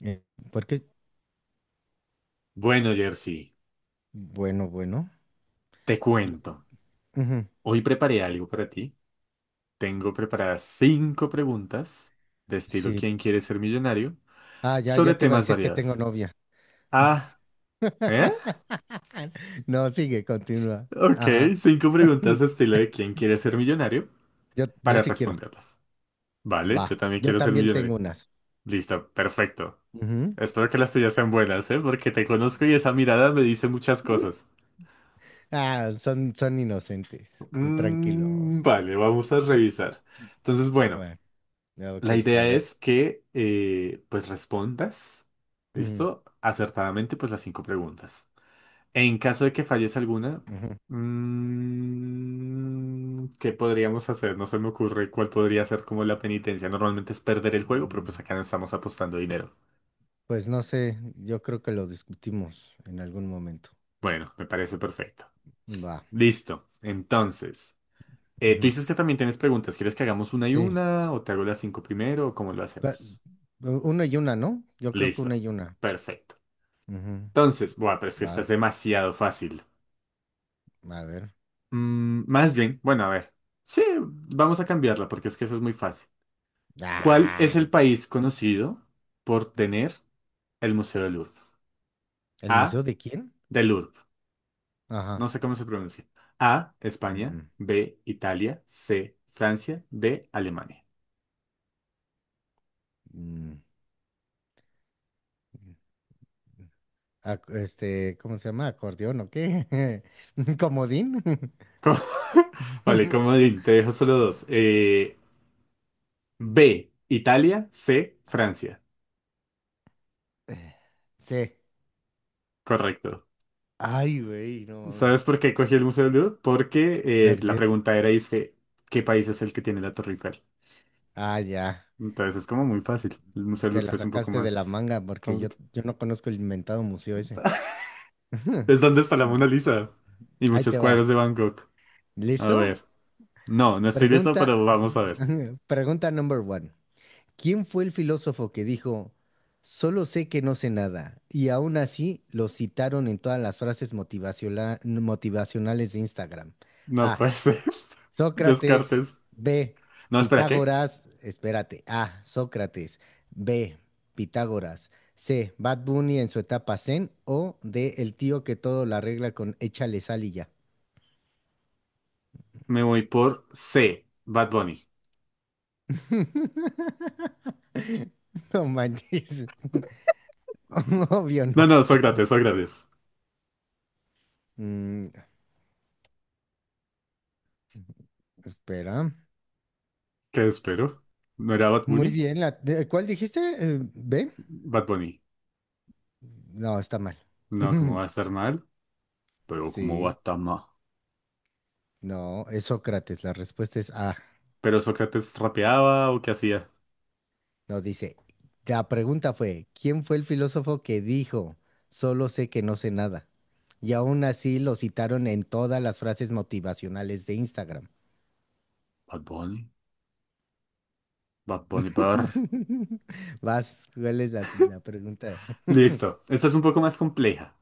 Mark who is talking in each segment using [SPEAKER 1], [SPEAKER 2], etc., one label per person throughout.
[SPEAKER 1] Eh, porque,
[SPEAKER 2] Bueno, Jersey,
[SPEAKER 1] bueno, bueno.
[SPEAKER 2] te
[SPEAKER 1] yo-
[SPEAKER 2] cuento.
[SPEAKER 1] ujú,
[SPEAKER 2] Hoy preparé algo para ti. Tengo preparadas cinco preguntas de estilo
[SPEAKER 1] sí.
[SPEAKER 2] ¿Quién quiere ser millonario?
[SPEAKER 1] Ah, ya
[SPEAKER 2] Sobre
[SPEAKER 1] te iba a
[SPEAKER 2] temas
[SPEAKER 1] decir que tengo
[SPEAKER 2] variados.
[SPEAKER 1] novia.
[SPEAKER 2] Ah, ¿eh?
[SPEAKER 1] No, sigue, continúa.
[SPEAKER 2] Ok,
[SPEAKER 1] Ajá.
[SPEAKER 2] cinco preguntas de estilo de ¿Quién quiere ser millonario?
[SPEAKER 1] Yo
[SPEAKER 2] Para
[SPEAKER 1] sí quiero.
[SPEAKER 2] responderlas. Vale,
[SPEAKER 1] Va.
[SPEAKER 2] yo también
[SPEAKER 1] Yo
[SPEAKER 2] quiero ser
[SPEAKER 1] también tengo
[SPEAKER 2] millonario.
[SPEAKER 1] unas.
[SPEAKER 2] Listo, perfecto.
[SPEAKER 1] Ujú.
[SPEAKER 2] Espero que las tuyas sean buenas, ¿eh? Porque te conozco y esa mirada me dice muchas cosas.
[SPEAKER 1] Ah, son inocentes. Tú tranquilo.
[SPEAKER 2] Mm, vale, vamos a revisar. Entonces, bueno.
[SPEAKER 1] Bueno, ya, ok,
[SPEAKER 2] La
[SPEAKER 1] a
[SPEAKER 2] idea
[SPEAKER 1] ver.
[SPEAKER 2] es que pues respondas,
[SPEAKER 1] Ujú,
[SPEAKER 2] ¿listo? Acertadamente pues las cinco preguntas. En caso de que falles alguna,
[SPEAKER 1] ujú.
[SPEAKER 2] ¿qué podríamos hacer? No se me ocurre cuál podría ser como la penitencia. Normalmente es perder el juego, pero pues
[SPEAKER 1] Mm,
[SPEAKER 2] acá no estamos apostando dinero.
[SPEAKER 1] Pues no sé, yo creo que lo discutimos en algún momento.
[SPEAKER 2] Bueno, me parece perfecto.
[SPEAKER 1] Va.
[SPEAKER 2] Listo. Entonces, tú
[SPEAKER 1] Ujú,
[SPEAKER 2] dices que también tienes preguntas. ¿Quieres que hagamos una y
[SPEAKER 1] sí.
[SPEAKER 2] una o te hago las cinco primero o cómo lo
[SPEAKER 1] Pa-
[SPEAKER 2] hacemos?
[SPEAKER 1] Una y una, ¿no? Yo creo que una
[SPEAKER 2] Listo.
[SPEAKER 1] y una.
[SPEAKER 2] Perfecto.
[SPEAKER 1] Ujú,
[SPEAKER 2] Entonces, buah, pero es que esta
[SPEAKER 1] va,
[SPEAKER 2] es demasiado fácil.
[SPEAKER 1] a ver.
[SPEAKER 2] Mm, más bien, bueno, a ver. Sí, vamos a cambiarla porque es que eso es muy fácil. ¿Cuál
[SPEAKER 1] Ah,
[SPEAKER 2] es el país conocido por tener el Museo del Louvre?
[SPEAKER 1] ¿el
[SPEAKER 2] A,
[SPEAKER 1] museo de quién?
[SPEAKER 2] del Louvre. No
[SPEAKER 1] Ajá.
[SPEAKER 2] sé cómo se pronuncia. A, España.
[SPEAKER 1] Mm,
[SPEAKER 2] B, Italia. C, Francia. D, Alemania.
[SPEAKER 1] mm, mm. Este, ¿cómo se llama? ¿Acordeón o qué? ¿Comodín?
[SPEAKER 2] ¿Cómo? Vale, comodín, te dejo solo dos. B, Italia. C, Francia.
[SPEAKER 1] Sí.
[SPEAKER 2] Correcto.
[SPEAKER 1] Ay, güey, no mames.
[SPEAKER 2] ¿Sabes por qué cogí el Museo del Louvre? Porque
[SPEAKER 1] ¿Por
[SPEAKER 2] la
[SPEAKER 1] qué?
[SPEAKER 2] pregunta era, dice, ¿qué país es el que tiene la Torre Eiffel?
[SPEAKER 1] Ah, ya.
[SPEAKER 2] Entonces es como muy fácil. El Museo del
[SPEAKER 1] Te la
[SPEAKER 2] Louvre es un poco
[SPEAKER 1] sacaste de la
[SPEAKER 2] más
[SPEAKER 1] manga porque yo,
[SPEAKER 2] complicado.
[SPEAKER 1] yo no conozco el inventado museo ese.
[SPEAKER 2] Es donde está la
[SPEAKER 1] Mm,
[SPEAKER 2] Mona Lisa y
[SPEAKER 1] Ahí
[SPEAKER 2] muchos
[SPEAKER 1] te va.
[SPEAKER 2] cuadros de Van Gogh. A
[SPEAKER 1] ¿Listo?
[SPEAKER 2] ver. No, no estoy listo, pero
[SPEAKER 1] Pregunta,
[SPEAKER 2] vamos a ver.
[SPEAKER 1] pregunta number one. ¿Quién fue el filósofo que dijo, solo sé que no sé nada? Y aún así lo citaron en todas las frases motivacionales de Instagram.
[SPEAKER 2] No
[SPEAKER 1] A.
[SPEAKER 2] puede ser.
[SPEAKER 1] Sócrates.
[SPEAKER 2] Descartes.
[SPEAKER 1] B.
[SPEAKER 2] No, espera, ¿qué?
[SPEAKER 1] Pitágoras. Espérate. A. Sócrates. B. Pitágoras. C. Bad Bunny en su etapa zen. O D. El tío que todo la arregla con échale sal y ya.
[SPEAKER 2] Me voy por C, Bad Bunny.
[SPEAKER 1] No manches. Obvio
[SPEAKER 2] No,
[SPEAKER 1] no.
[SPEAKER 2] no, Sócrates, Sócrates.
[SPEAKER 1] Mm, espera.
[SPEAKER 2] ¿Qué espero? ¿No era Bad
[SPEAKER 1] Muy
[SPEAKER 2] Bunny?
[SPEAKER 1] bien, ¿cuál dijiste? ¿B?
[SPEAKER 2] Bad Bunny.
[SPEAKER 1] No, está mal.
[SPEAKER 2] No, ¿cómo va a estar mal? Pero ¿cómo va a
[SPEAKER 1] Sí,
[SPEAKER 2] estar mal?
[SPEAKER 1] no, es Sócrates. La respuesta es A.
[SPEAKER 2] ¿Pero Sócrates rapeaba o qué hacía?
[SPEAKER 1] No dice. La pregunta fue, ¿quién fue el filósofo que dijo, solo sé que no sé nada? Y aún así lo citaron en todas las frases motivacionales de Instagram.
[SPEAKER 2] Bad Bunny. Bad Bunny Bar.
[SPEAKER 1] Vas, ¿cuál es la pregunta?
[SPEAKER 2] Listo. Esta es un poco más compleja,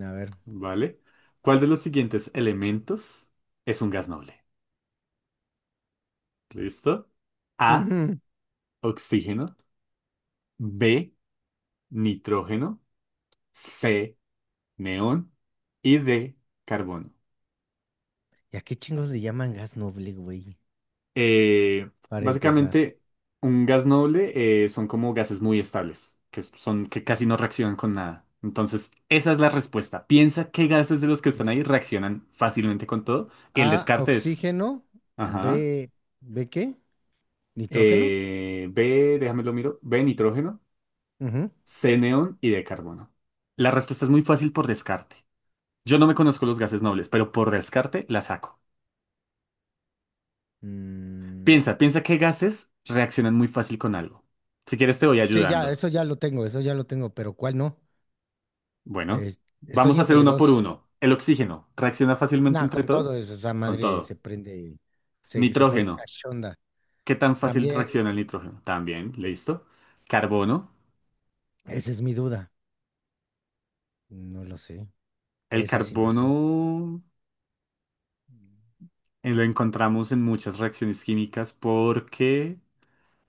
[SPEAKER 1] A ver.
[SPEAKER 2] ¿vale? ¿Cuál de los siguientes elementos es un gas noble? ¿Listo? A,
[SPEAKER 1] Ujú.
[SPEAKER 2] oxígeno, B, nitrógeno, C, neón y D, carbono.
[SPEAKER 1] ¿Y a qué chingos le llaman gas noble, güey?
[SPEAKER 2] Eh,
[SPEAKER 1] Para empezar.
[SPEAKER 2] básicamente, un gas noble son como gases muy estables, que son que casi no reaccionan con nada. Entonces, esa es la respuesta. Piensa qué gases de los que están ahí reaccionan fácilmente con todo y el
[SPEAKER 1] A,
[SPEAKER 2] descarte es.
[SPEAKER 1] oxígeno.
[SPEAKER 2] Ajá.
[SPEAKER 1] B, ¿B qué? ¿Nitrógeno?
[SPEAKER 2] B, déjame lo miro, B, nitrógeno,
[SPEAKER 1] Ujú.
[SPEAKER 2] C, neón y D, carbono. La respuesta es muy fácil por descarte. Yo no me conozco los gases nobles, pero por descarte la saco.
[SPEAKER 1] Mm,
[SPEAKER 2] Piensa, piensa qué gases reaccionan muy fácil con algo. Si quieres te voy
[SPEAKER 1] sí, ya,
[SPEAKER 2] ayudando.
[SPEAKER 1] eso ya lo tengo, eso ya lo tengo, pero ¿cuál no?
[SPEAKER 2] Bueno,
[SPEAKER 1] Es-
[SPEAKER 2] vamos
[SPEAKER 1] estoy
[SPEAKER 2] a hacer
[SPEAKER 1] entre
[SPEAKER 2] uno por
[SPEAKER 1] dos.
[SPEAKER 2] uno. El oxígeno, ¿reacciona fácilmente
[SPEAKER 1] Nah,
[SPEAKER 2] entre
[SPEAKER 1] con todo
[SPEAKER 2] todo?
[SPEAKER 1] eso, esa
[SPEAKER 2] Con
[SPEAKER 1] madre se
[SPEAKER 2] todo.
[SPEAKER 1] prende, se pone
[SPEAKER 2] Nitrógeno,
[SPEAKER 1] cachonda.
[SPEAKER 2] ¿qué tan fácil
[SPEAKER 1] También,
[SPEAKER 2] reacciona el nitrógeno? También, listo. Carbono,
[SPEAKER 1] esa es mi duda. No lo sé,
[SPEAKER 2] el
[SPEAKER 1] ese sí no sé.
[SPEAKER 2] carbono. Lo encontramos en muchas reacciones químicas porque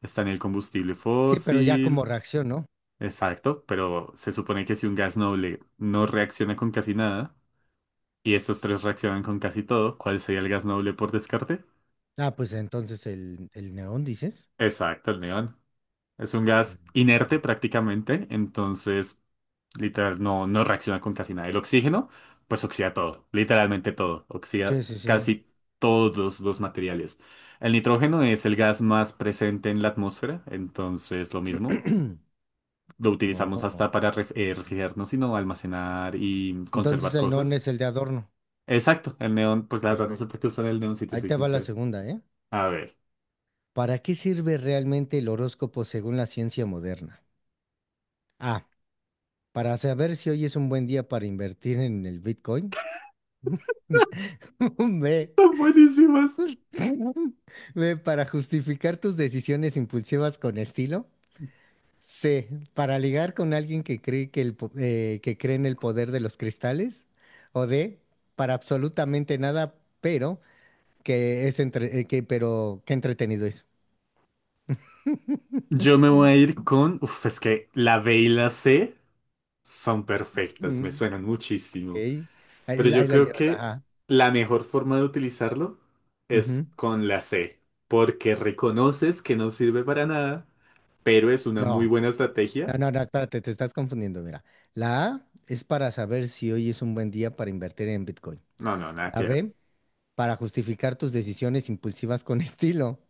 [SPEAKER 2] está en el combustible
[SPEAKER 1] Sí, pero ya
[SPEAKER 2] fósil,
[SPEAKER 1] como reacción, ¿no?
[SPEAKER 2] exacto, pero se supone que si un gas noble no reacciona con casi nada y estos tres reaccionan con casi todo, ¿cuál sería el gas noble por descarte?
[SPEAKER 1] Ah, pues entonces el neón, dices.
[SPEAKER 2] Exacto, el neón. Es un gas inerte
[SPEAKER 1] Mm.
[SPEAKER 2] prácticamente, entonces literal, no, no reacciona con casi nada. El oxígeno, pues oxida todo, literalmente todo. Oxida
[SPEAKER 1] Sí, sí, sí.
[SPEAKER 2] casi todos los materiales. El nitrógeno es el gas más presente en la atmósfera, entonces lo mismo. Lo utilizamos hasta
[SPEAKER 1] No.
[SPEAKER 2] para refrigerarnos, sino almacenar y
[SPEAKER 1] Entonces
[SPEAKER 2] conservar
[SPEAKER 1] el neón
[SPEAKER 2] cosas.
[SPEAKER 1] es el de adorno.
[SPEAKER 2] Exacto, el neón, pues la verdad no sé
[SPEAKER 1] Perfecto.
[SPEAKER 2] por qué usar el neón si te
[SPEAKER 1] Ahí
[SPEAKER 2] soy
[SPEAKER 1] te va la
[SPEAKER 2] sincero.
[SPEAKER 1] segunda, ¿eh?
[SPEAKER 2] A ver.
[SPEAKER 1] ¿Para qué sirve realmente el horóscopo según la ciencia moderna? A. Para saber si hoy es un buen día para invertir en el Bitcoin. B.
[SPEAKER 2] Son buenísimas.
[SPEAKER 1] B. Para justificar tus decisiones impulsivas con estilo. C. Para ligar con alguien que cree que cree en el poder de los cristales. O D. Para absolutamente nada, pero que es entre- que, pero qué entretenido es.
[SPEAKER 2] Yo me
[SPEAKER 1] Mm.
[SPEAKER 2] voy a ir con. Uf, es que la B y la C son perfectas, me
[SPEAKER 1] Mm.
[SPEAKER 2] suenan
[SPEAKER 1] Ok.
[SPEAKER 2] muchísimo. Pero
[SPEAKER 1] Ahí,
[SPEAKER 2] yo
[SPEAKER 1] ahí la
[SPEAKER 2] creo
[SPEAKER 1] llevas,
[SPEAKER 2] que
[SPEAKER 1] ajá.
[SPEAKER 2] la mejor forma de utilizarlo es
[SPEAKER 1] Ujú.
[SPEAKER 2] con la C, porque reconoces que no sirve para nada, pero es una muy
[SPEAKER 1] No,
[SPEAKER 2] buena
[SPEAKER 1] no,
[SPEAKER 2] estrategia.
[SPEAKER 1] no, no, espérate, te estás confundiendo, mira. La A es para saber si hoy es un buen día para invertir en Bitcoin.
[SPEAKER 2] No, no, nada que
[SPEAKER 1] La
[SPEAKER 2] ver.
[SPEAKER 1] B, para justificar tus decisiones impulsivas con estilo.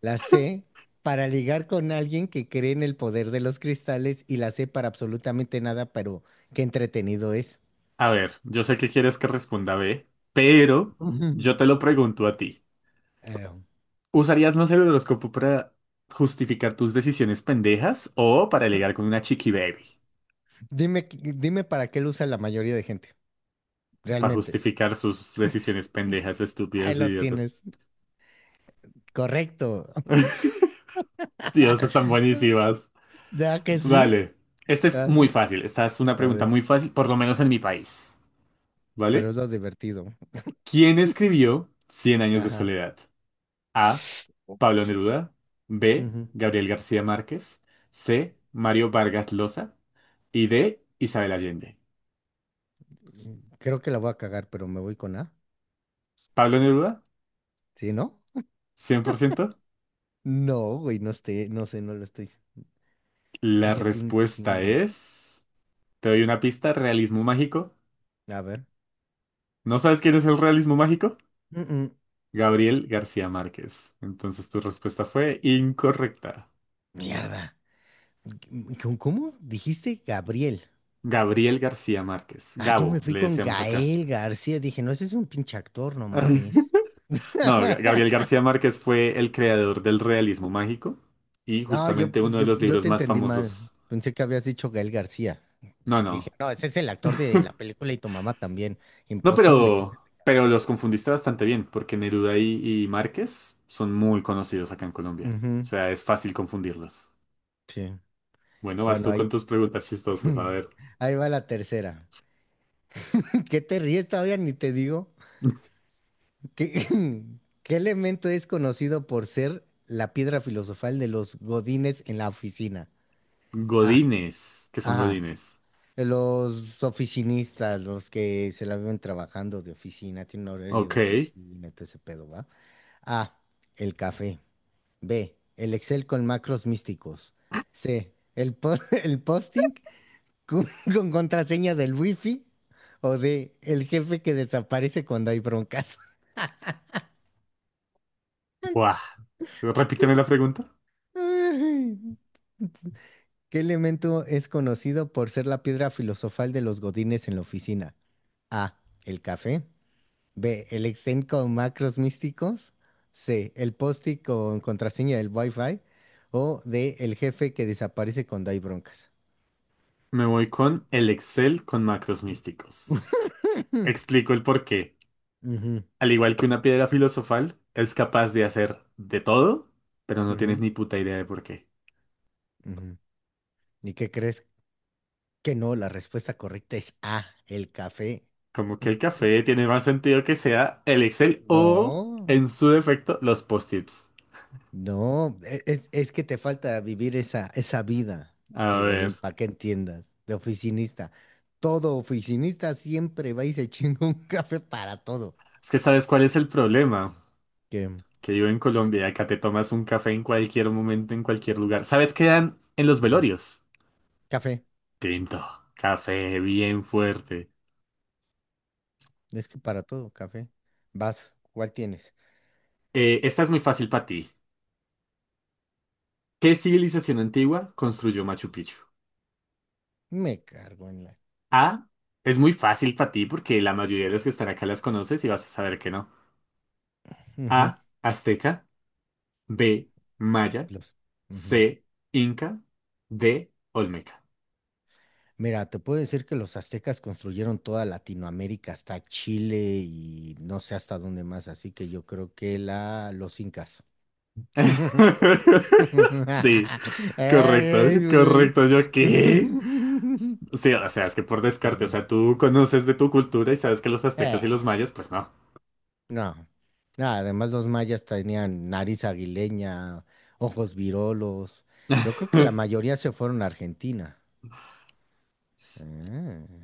[SPEAKER 1] La C, para ligar con alguien que cree en el poder de los cristales. Y la C, para absolutamente nada, pero qué entretenido es.
[SPEAKER 2] A ver, yo sé que quieres que responda B, pero yo
[SPEAKER 1] Ujú.
[SPEAKER 2] te lo pregunto a ti.
[SPEAKER 1] Eh,
[SPEAKER 2] ¿Usarías más el horóscopo para justificar tus decisiones pendejas o para ligar con una chiqui baby?
[SPEAKER 1] dime, dime para qué lo usa la mayoría de gente,
[SPEAKER 2] Para
[SPEAKER 1] realmente.
[SPEAKER 2] justificar sus decisiones pendejas,
[SPEAKER 1] Ahí
[SPEAKER 2] estúpidas,
[SPEAKER 1] lo
[SPEAKER 2] idiotas.
[SPEAKER 1] tienes, correcto.
[SPEAKER 2] Dios, están buenísimas.
[SPEAKER 1] Ya que sí.
[SPEAKER 2] Vale. Esta es
[SPEAKER 1] Ah,
[SPEAKER 2] muy
[SPEAKER 1] sí.
[SPEAKER 2] fácil. Esta es una
[SPEAKER 1] A
[SPEAKER 2] pregunta
[SPEAKER 1] ver,
[SPEAKER 2] muy fácil, por lo menos en mi país.
[SPEAKER 1] pero
[SPEAKER 2] ¿Vale?
[SPEAKER 1] es lo divertido.
[SPEAKER 2] ¿Quién escribió Cien años de
[SPEAKER 1] Ajá.
[SPEAKER 2] soledad? A. Pablo Neruda. B.
[SPEAKER 1] Ujú.
[SPEAKER 2] Gabriel García Márquez. C. Mario Vargas Llosa. Y D. Isabel Allende.
[SPEAKER 1] Creo que la voy a cagar, pero me voy con A.
[SPEAKER 2] ¿Pablo Neruda?
[SPEAKER 1] ¿Sí, no?
[SPEAKER 2] 100%.
[SPEAKER 1] No, güey, no esté, no sé, no lo estoy. Es que
[SPEAKER 2] La
[SPEAKER 1] ya tiene un
[SPEAKER 2] respuesta
[SPEAKER 1] chingo.
[SPEAKER 2] es. Te doy una pista. Realismo mágico.
[SPEAKER 1] A ver.
[SPEAKER 2] ¿No sabes quién es el realismo mágico?
[SPEAKER 1] Mm, mm.
[SPEAKER 2] Gabriel García Márquez. Entonces tu respuesta fue incorrecta.
[SPEAKER 1] Mierda. ¿Con cómo dijiste Gabriel?
[SPEAKER 2] Gabriel García Márquez.
[SPEAKER 1] Ah, yo me
[SPEAKER 2] Gabo,
[SPEAKER 1] fui
[SPEAKER 2] le
[SPEAKER 1] con
[SPEAKER 2] decíamos acá.
[SPEAKER 1] Gael García. Dije, no, ese es un pinche actor, no mames.
[SPEAKER 2] No, Gabriel García Márquez fue el creador del realismo mágico y
[SPEAKER 1] No, yo,
[SPEAKER 2] justamente uno de
[SPEAKER 1] yo,
[SPEAKER 2] los
[SPEAKER 1] yo
[SPEAKER 2] libros
[SPEAKER 1] te
[SPEAKER 2] más
[SPEAKER 1] entendí mal.
[SPEAKER 2] famosos.
[SPEAKER 1] Pensé que habías dicho Gael García.
[SPEAKER 2] No,
[SPEAKER 1] Entonces dije,
[SPEAKER 2] no.
[SPEAKER 1] no, ese es el actor de la película y tu mamá también.
[SPEAKER 2] No,
[SPEAKER 1] Imposible.
[SPEAKER 2] pero los confundiste bastante bien, porque Neruda y Márquez son muy conocidos acá en Colombia. O
[SPEAKER 1] Ujú,
[SPEAKER 2] sea, es fácil confundirlos.
[SPEAKER 1] sí.
[SPEAKER 2] Bueno, vas
[SPEAKER 1] Bueno,
[SPEAKER 2] tú
[SPEAKER 1] ahí,
[SPEAKER 2] con tus preguntas chistosas. A ver.
[SPEAKER 1] ahí va la tercera. ¿Qué te ríes todavía? Ni te digo. ¿Qué, qué elemento es conocido por ser la piedra filosofal de los godines en la oficina? Ah,
[SPEAKER 2] Godines. ¿Qué son
[SPEAKER 1] ajá.
[SPEAKER 2] godines?
[SPEAKER 1] Los oficinistas, los que se la viven trabajando de oficina, tienen horario
[SPEAKER 2] Ok.
[SPEAKER 1] de oficina, todo ese pedo, ¿va? A. El café. B. El Excel con macros místicos. C. El posting con, con contraseña del wifi. O D. El jefe que desaparece cuando hay broncas.
[SPEAKER 2] Buah. Repíteme la pregunta.
[SPEAKER 1] Ay, ¿Qué elemento es conocido por ser la piedra filosofal de los godines en la oficina? A. El café. B. El Excel con macros místicos. C. El post con contraseña del Wi-Fi. O D. El jefe que desaparece cuando hay broncas.
[SPEAKER 2] Me voy con el Excel con macros místicos.
[SPEAKER 1] Hmm,
[SPEAKER 2] Explico el porqué.
[SPEAKER 1] ujú,
[SPEAKER 2] Al igual que una piedra filosofal, es capaz de hacer de todo, pero no tienes
[SPEAKER 1] ujú,
[SPEAKER 2] ni puta idea de por qué.
[SPEAKER 1] ujú. ¿Y qué crees? Que no, la respuesta correcta es A, el café.
[SPEAKER 2] Como que
[SPEAKER 1] Ujú.
[SPEAKER 2] el café tiene más sentido que sea el Excel o,
[SPEAKER 1] No,
[SPEAKER 2] en su defecto, los post-its.
[SPEAKER 1] no, es que te falta vivir esa vida
[SPEAKER 2] A
[SPEAKER 1] de
[SPEAKER 2] ver,
[SPEAKER 1] Godín, para que entiendas, de oficinista. Todo oficinista siempre va y se chinga un café para todo.
[SPEAKER 2] es que sabes cuál es el problema.
[SPEAKER 1] Que,
[SPEAKER 2] Que yo en Colombia y acá te tomas un café en cualquier momento, en cualquier lugar. ¿Sabes qué dan en los
[SPEAKER 1] ujú,
[SPEAKER 2] velorios?
[SPEAKER 1] café,
[SPEAKER 2] Tinto, café bien fuerte.
[SPEAKER 1] es que para todo, café. Vas, ¿cuál tienes?
[SPEAKER 2] Esta es muy fácil para ti. ¿Qué civilización antigua construyó Machu Picchu?
[SPEAKER 1] Me cargo en la.
[SPEAKER 2] A. Es muy fácil para ti porque la mayoría de las que están acá las conoces y vas a saber que no.
[SPEAKER 1] Ujú,
[SPEAKER 2] A. Azteca. B. Maya.
[SPEAKER 1] los.
[SPEAKER 2] C. Inca. D. Olmeca.
[SPEAKER 1] Mira, te puedo decir que los aztecas construyeron toda Latinoamérica hasta Chile y no sé hasta dónde más, así que yo creo que los incas.
[SPEAKER 2] Sí,
[SPEAKER 1] Ay,
[SPEAKER 2] correcto,
[SPEAKER 1] ay, güey.
[SPEAKER 2] correcto. ¿Yo qué? Sí, o sea, es que por descarte, o sea,
[SPEAKER 1] Sí.
[SPEAKER 2] tú conoces de tu cultura y sabes que los aztecas y
[SPEAKER 1] Eh,
[SPEAKER 2] los mayas, pues no.
[SPEAKER 1] no. No, además los mayas tenían nariz aguileña, ojos virolos. Yo creo que la mayoría se fueron a Argentina.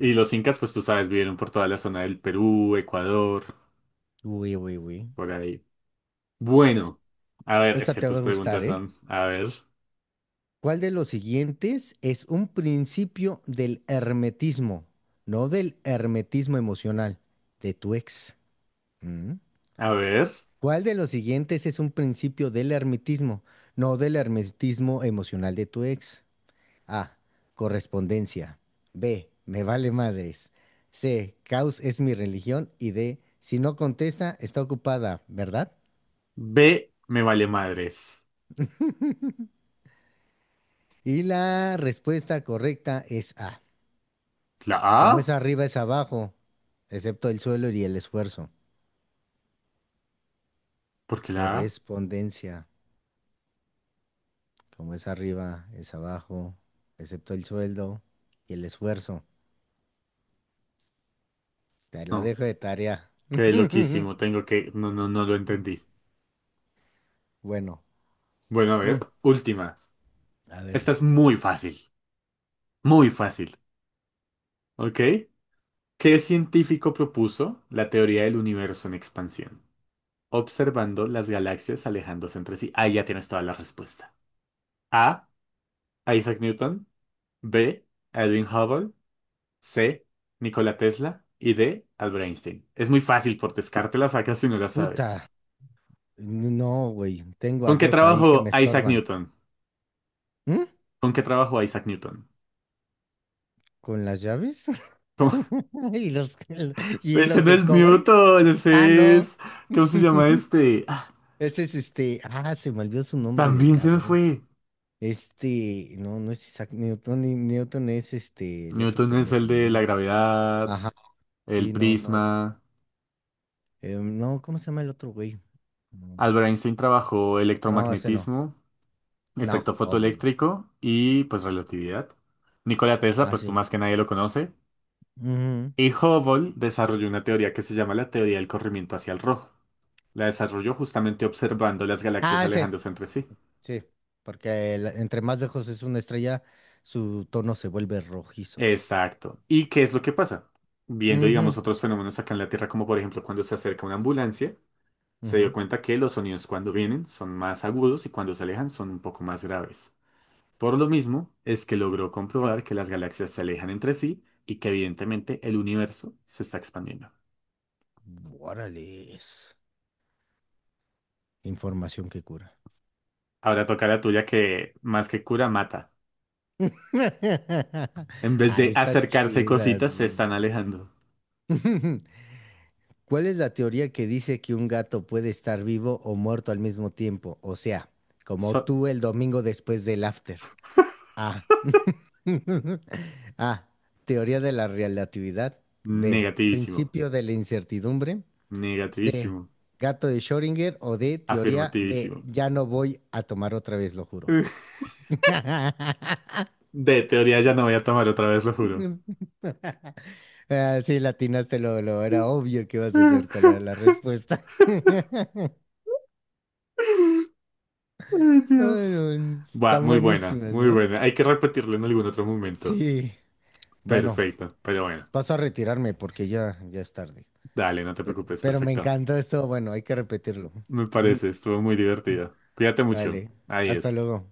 [SPEAKER 2] Y los incas, pues tú sabes, vivieron por toda la zona del Perú, Ecuador,
[SPEAKER 1] Uy, uy, uy.
[SPEAKER 2] por ahí. Bueno, a ver, es
[SPEAKER 1] Esta
[SPEAKER 2] que
[SPEAKER 1] te va
[SPEAKER 2] tus
[SPEAKER 1] a gustar,
[SPEAKER 2] preguntas
[SPEAKER 1] ¿eh?
[SPEAKER 2] son, a ver,
[SPEAKER 1] ¿Cuál de los siguientes es un principio del hermetismo? No del hermetismo emocional, de tu ex. ¿Mm?
[SPEAKER 2] a ver.
[SPEAKER 1] ¿Cuál de los siguientes es un principio del hermetismo? No del hermetismo emocional de tu ex. A. Correspondencia. B. Me vale madres. C. Caos es mi religión. Y D. Si no contesta, está ocupada, ¿verdad?
[SPEAKER 2] B, me vale madres.
[SPEAKER 1] Y la respuesta correcta es A.
[SPEAKER 2] ¿La
[SPEAKER 1] Como es
[SPEAKER 2] A?
[SPEAKER 1] arriba es abajo, excepto el suelo y el esfuerzo.
[SPEAKER 2] ¿Por qué la A?
[SPEAKER 1] Correspondencia. Como es arriba es abajo, excepto el sueldo y el esfuerzo. Te lo
[SPEAKER 2] No,
[SPEAKER 1] dejo de tarea.
[SPEAKER 2] quedé loquísimo, no, no, no lo entendí.
[SPEAKER 1] Bueno,
[SPEAKER 2] Bueno, a
[SPEAKER 1] mm,
[SPEAKER 2] ver, última.
[SPEAKER 1] a ver.
[SPEAKER 2] Esta es muy fácil, ¿ok? ¿Qué científico propuso la teoría del universo en expansión? Observando las galaxias alejándose entre sí. Ahí ya tienes toda la respuesta. A, Isaac Newton. B, Edwin Hubble. C. Nikola Tesla. Y D. Albert Einstein. Es muy fácil, por descarte la sacas si no la sabes.
[SPEAKER 1] Puta. No, güey. Tengo a
[SPEAKER 2] ¿Con qué
[SPEAKER 1] dos ahí que me
[SPEAKER 2] trabajó Isaac
[SPEAKER 1] estorban.
[SPEAKER 2] Newton?
[SPEAKER 1] ¿Mm?
[SPEAKER 2] ¿Con qué trabajó Isaac Newton?
[SPEAKER 1] ¿Con las llaves?
[SPEAKER 2] ¿Cómo?
[SPEAKER 1] ¿Y los, y
[SPEAKER 2] Ese
[SPEAKER 1] los
[SPEAKER 2] no
[SPEAKER 1] de
[SPEAKER 2] es
[SPEAKER 1] cobre?
[SPEAKER 2] Newton,
[SPEAKER 1] Ah,
[SPEAKER 2] ese es.
[SPEAKER 1] no.
[SPEAKER 2] ¿Cómo se llama este? Ah,
[SPEAKER 1] Ese es este. Ah, se me olvidó su nombre del
[SPEAKER 2] también se me
[SPEAKER 1] cabrón.
[SPEAKER 2] fue.
[SPEAKER 1] Este, no, no es Isaac Newton, Newton es este, el otro
[SPEAKER 2] Newton es el
[SPEAKER 1] pendejo,
[SPEAKER 2] de la
[SPEAKER 1] ¿no?
[SPEAKER 2] gravedad,
[SPEAKER 1] Ajá,
[SPEAKER 2] el
[SPEAKER 1] sí, no, no es.
[SPEAKER 2] prisma.
[SPEAKER 1] No, ¿cómo se llama el otro güey? No,
[SPEAKER 2] Albert Einstein trabajó
[SPEAKER 1] no, ese no.
[SPEAKER 2] electromagnetismo, efecto
[SPEAKER 1] No, obvio.
[SPEAKER 2] fotoeléctrico y pues relatividad. Nikola Tesla,
[SPEAKER 1] Ah,
[SPEAKER 2] pues tú
[SPEAKER 1] sí.
[SPEAKER 2] más que nadie lo conoce.
[SPEAKER 1] Ujú.
[SPEAKER 2] Y Hubble desarrolló una teoría que se llama la teoría del corrimiento hacia el rojo. La desarrolló justamente observando las galaxias
[SPEAKER 1] Ah, sí,
[SPEAKER 2] alejándose entre sí.
[SPEAKER 1] sí. Porque entre más lejos es una estrella, su tono se vuelve rojizo.
[SPEAKER 2] Exacto. ¿Y qué es lo que pasa? Viendo,
[SPEAKER 1] Ujú,
[SPEAKER 2] digamos, otros fenómenos acá en la Tierra, como por ejemplo cuando se acerca una ambulancia, se dio
[SPEAKER 1] ujú.
[SPEAKER 2] cuenta que los sonidos cuando vienen son más agudos y cuando se alejan son un poco más graves. Por lo mismo, es que logró comprobar que las galaxias se alejan entre sí y que evidentemente el universo se está expandiendo.
[SPEAKER 1] Órale, es información que cura.
[SPEAKER 2] Ahora toca la tuya que más que cura, mata. En vez
[SPEAKER 1] Ah,
[SPEAKER 2] de
[SPEAKER 1] están
[SPEAKER 2] acercarse
[SPEAKER 1] chidas,
[SPEAKER 2] cositas, se
[SPEAKER 1] güey.
[SPEAKER 2] están alejando.
[SPEAKER 1] ¿Cuál es la teoría que dice que un gato puede estar vivo o muerto al mismo tiempo? O sea, como
[SPEAKER 2] So-
[SPEAKER 1] tú el domingo después del after. A. A. Teoría de la relatividad. B.
[SPEAKER 2] negativísimo.
[SPEAKER 1] Principio de la incertidumbre. C.
[SPEAKER 2] Negativísimo.
[SPEAKER 1] Gato de Schrödinger. O D. Teoría de
[SPEAKER 2] Afirmativísimo.
[SPEAKER 1] ya no voy a tomar otra vez, lo juro.
[SPEAKER 2] De teoría ya no voy a tomar otra vez, lo juro.
[SPEAKER 1] Ah, sí, latinaste lo era obvio que ibas a hacer cuál era la
[SPEAKER 2] Ay,
[SPEAKER 1] respuesta. Ay,
[SPEAKER 2] Dios.
[SPEAKER 1] no,
[SPEAKER 2] Buah,
[SPEAKER 1] están
[SPEAKER 2] muy buena,
[SPEAKER 1] buenísimas,
[SPEAKER 2] muy
[SPEAKER 1] ¿no?
[SPEAKER 2] buena. Hay que repetirlo en algún otro momento.
[SPEAKER 1] Sí. Bueno,
[SPEAKER 2] Perfecto, pero bueno.
[SPEAKER 1] paso a retirarme porque ya es tarde.
[SPEAKER 2] Dale, no te preocupes,
[SPEAKER 1] Pero me
[SPEAKER 2] perfecto.
[SPEAKER 1] encantó esto. Bueno, hay que repetirlo.
[SPEAKER 2] Me parece, estuvo muy divertido. Cuídate mucho.
[SPEAKER 1] Vale, hasta
[SPEAKER 2] Adiós.
[SPEAKER 1] luego.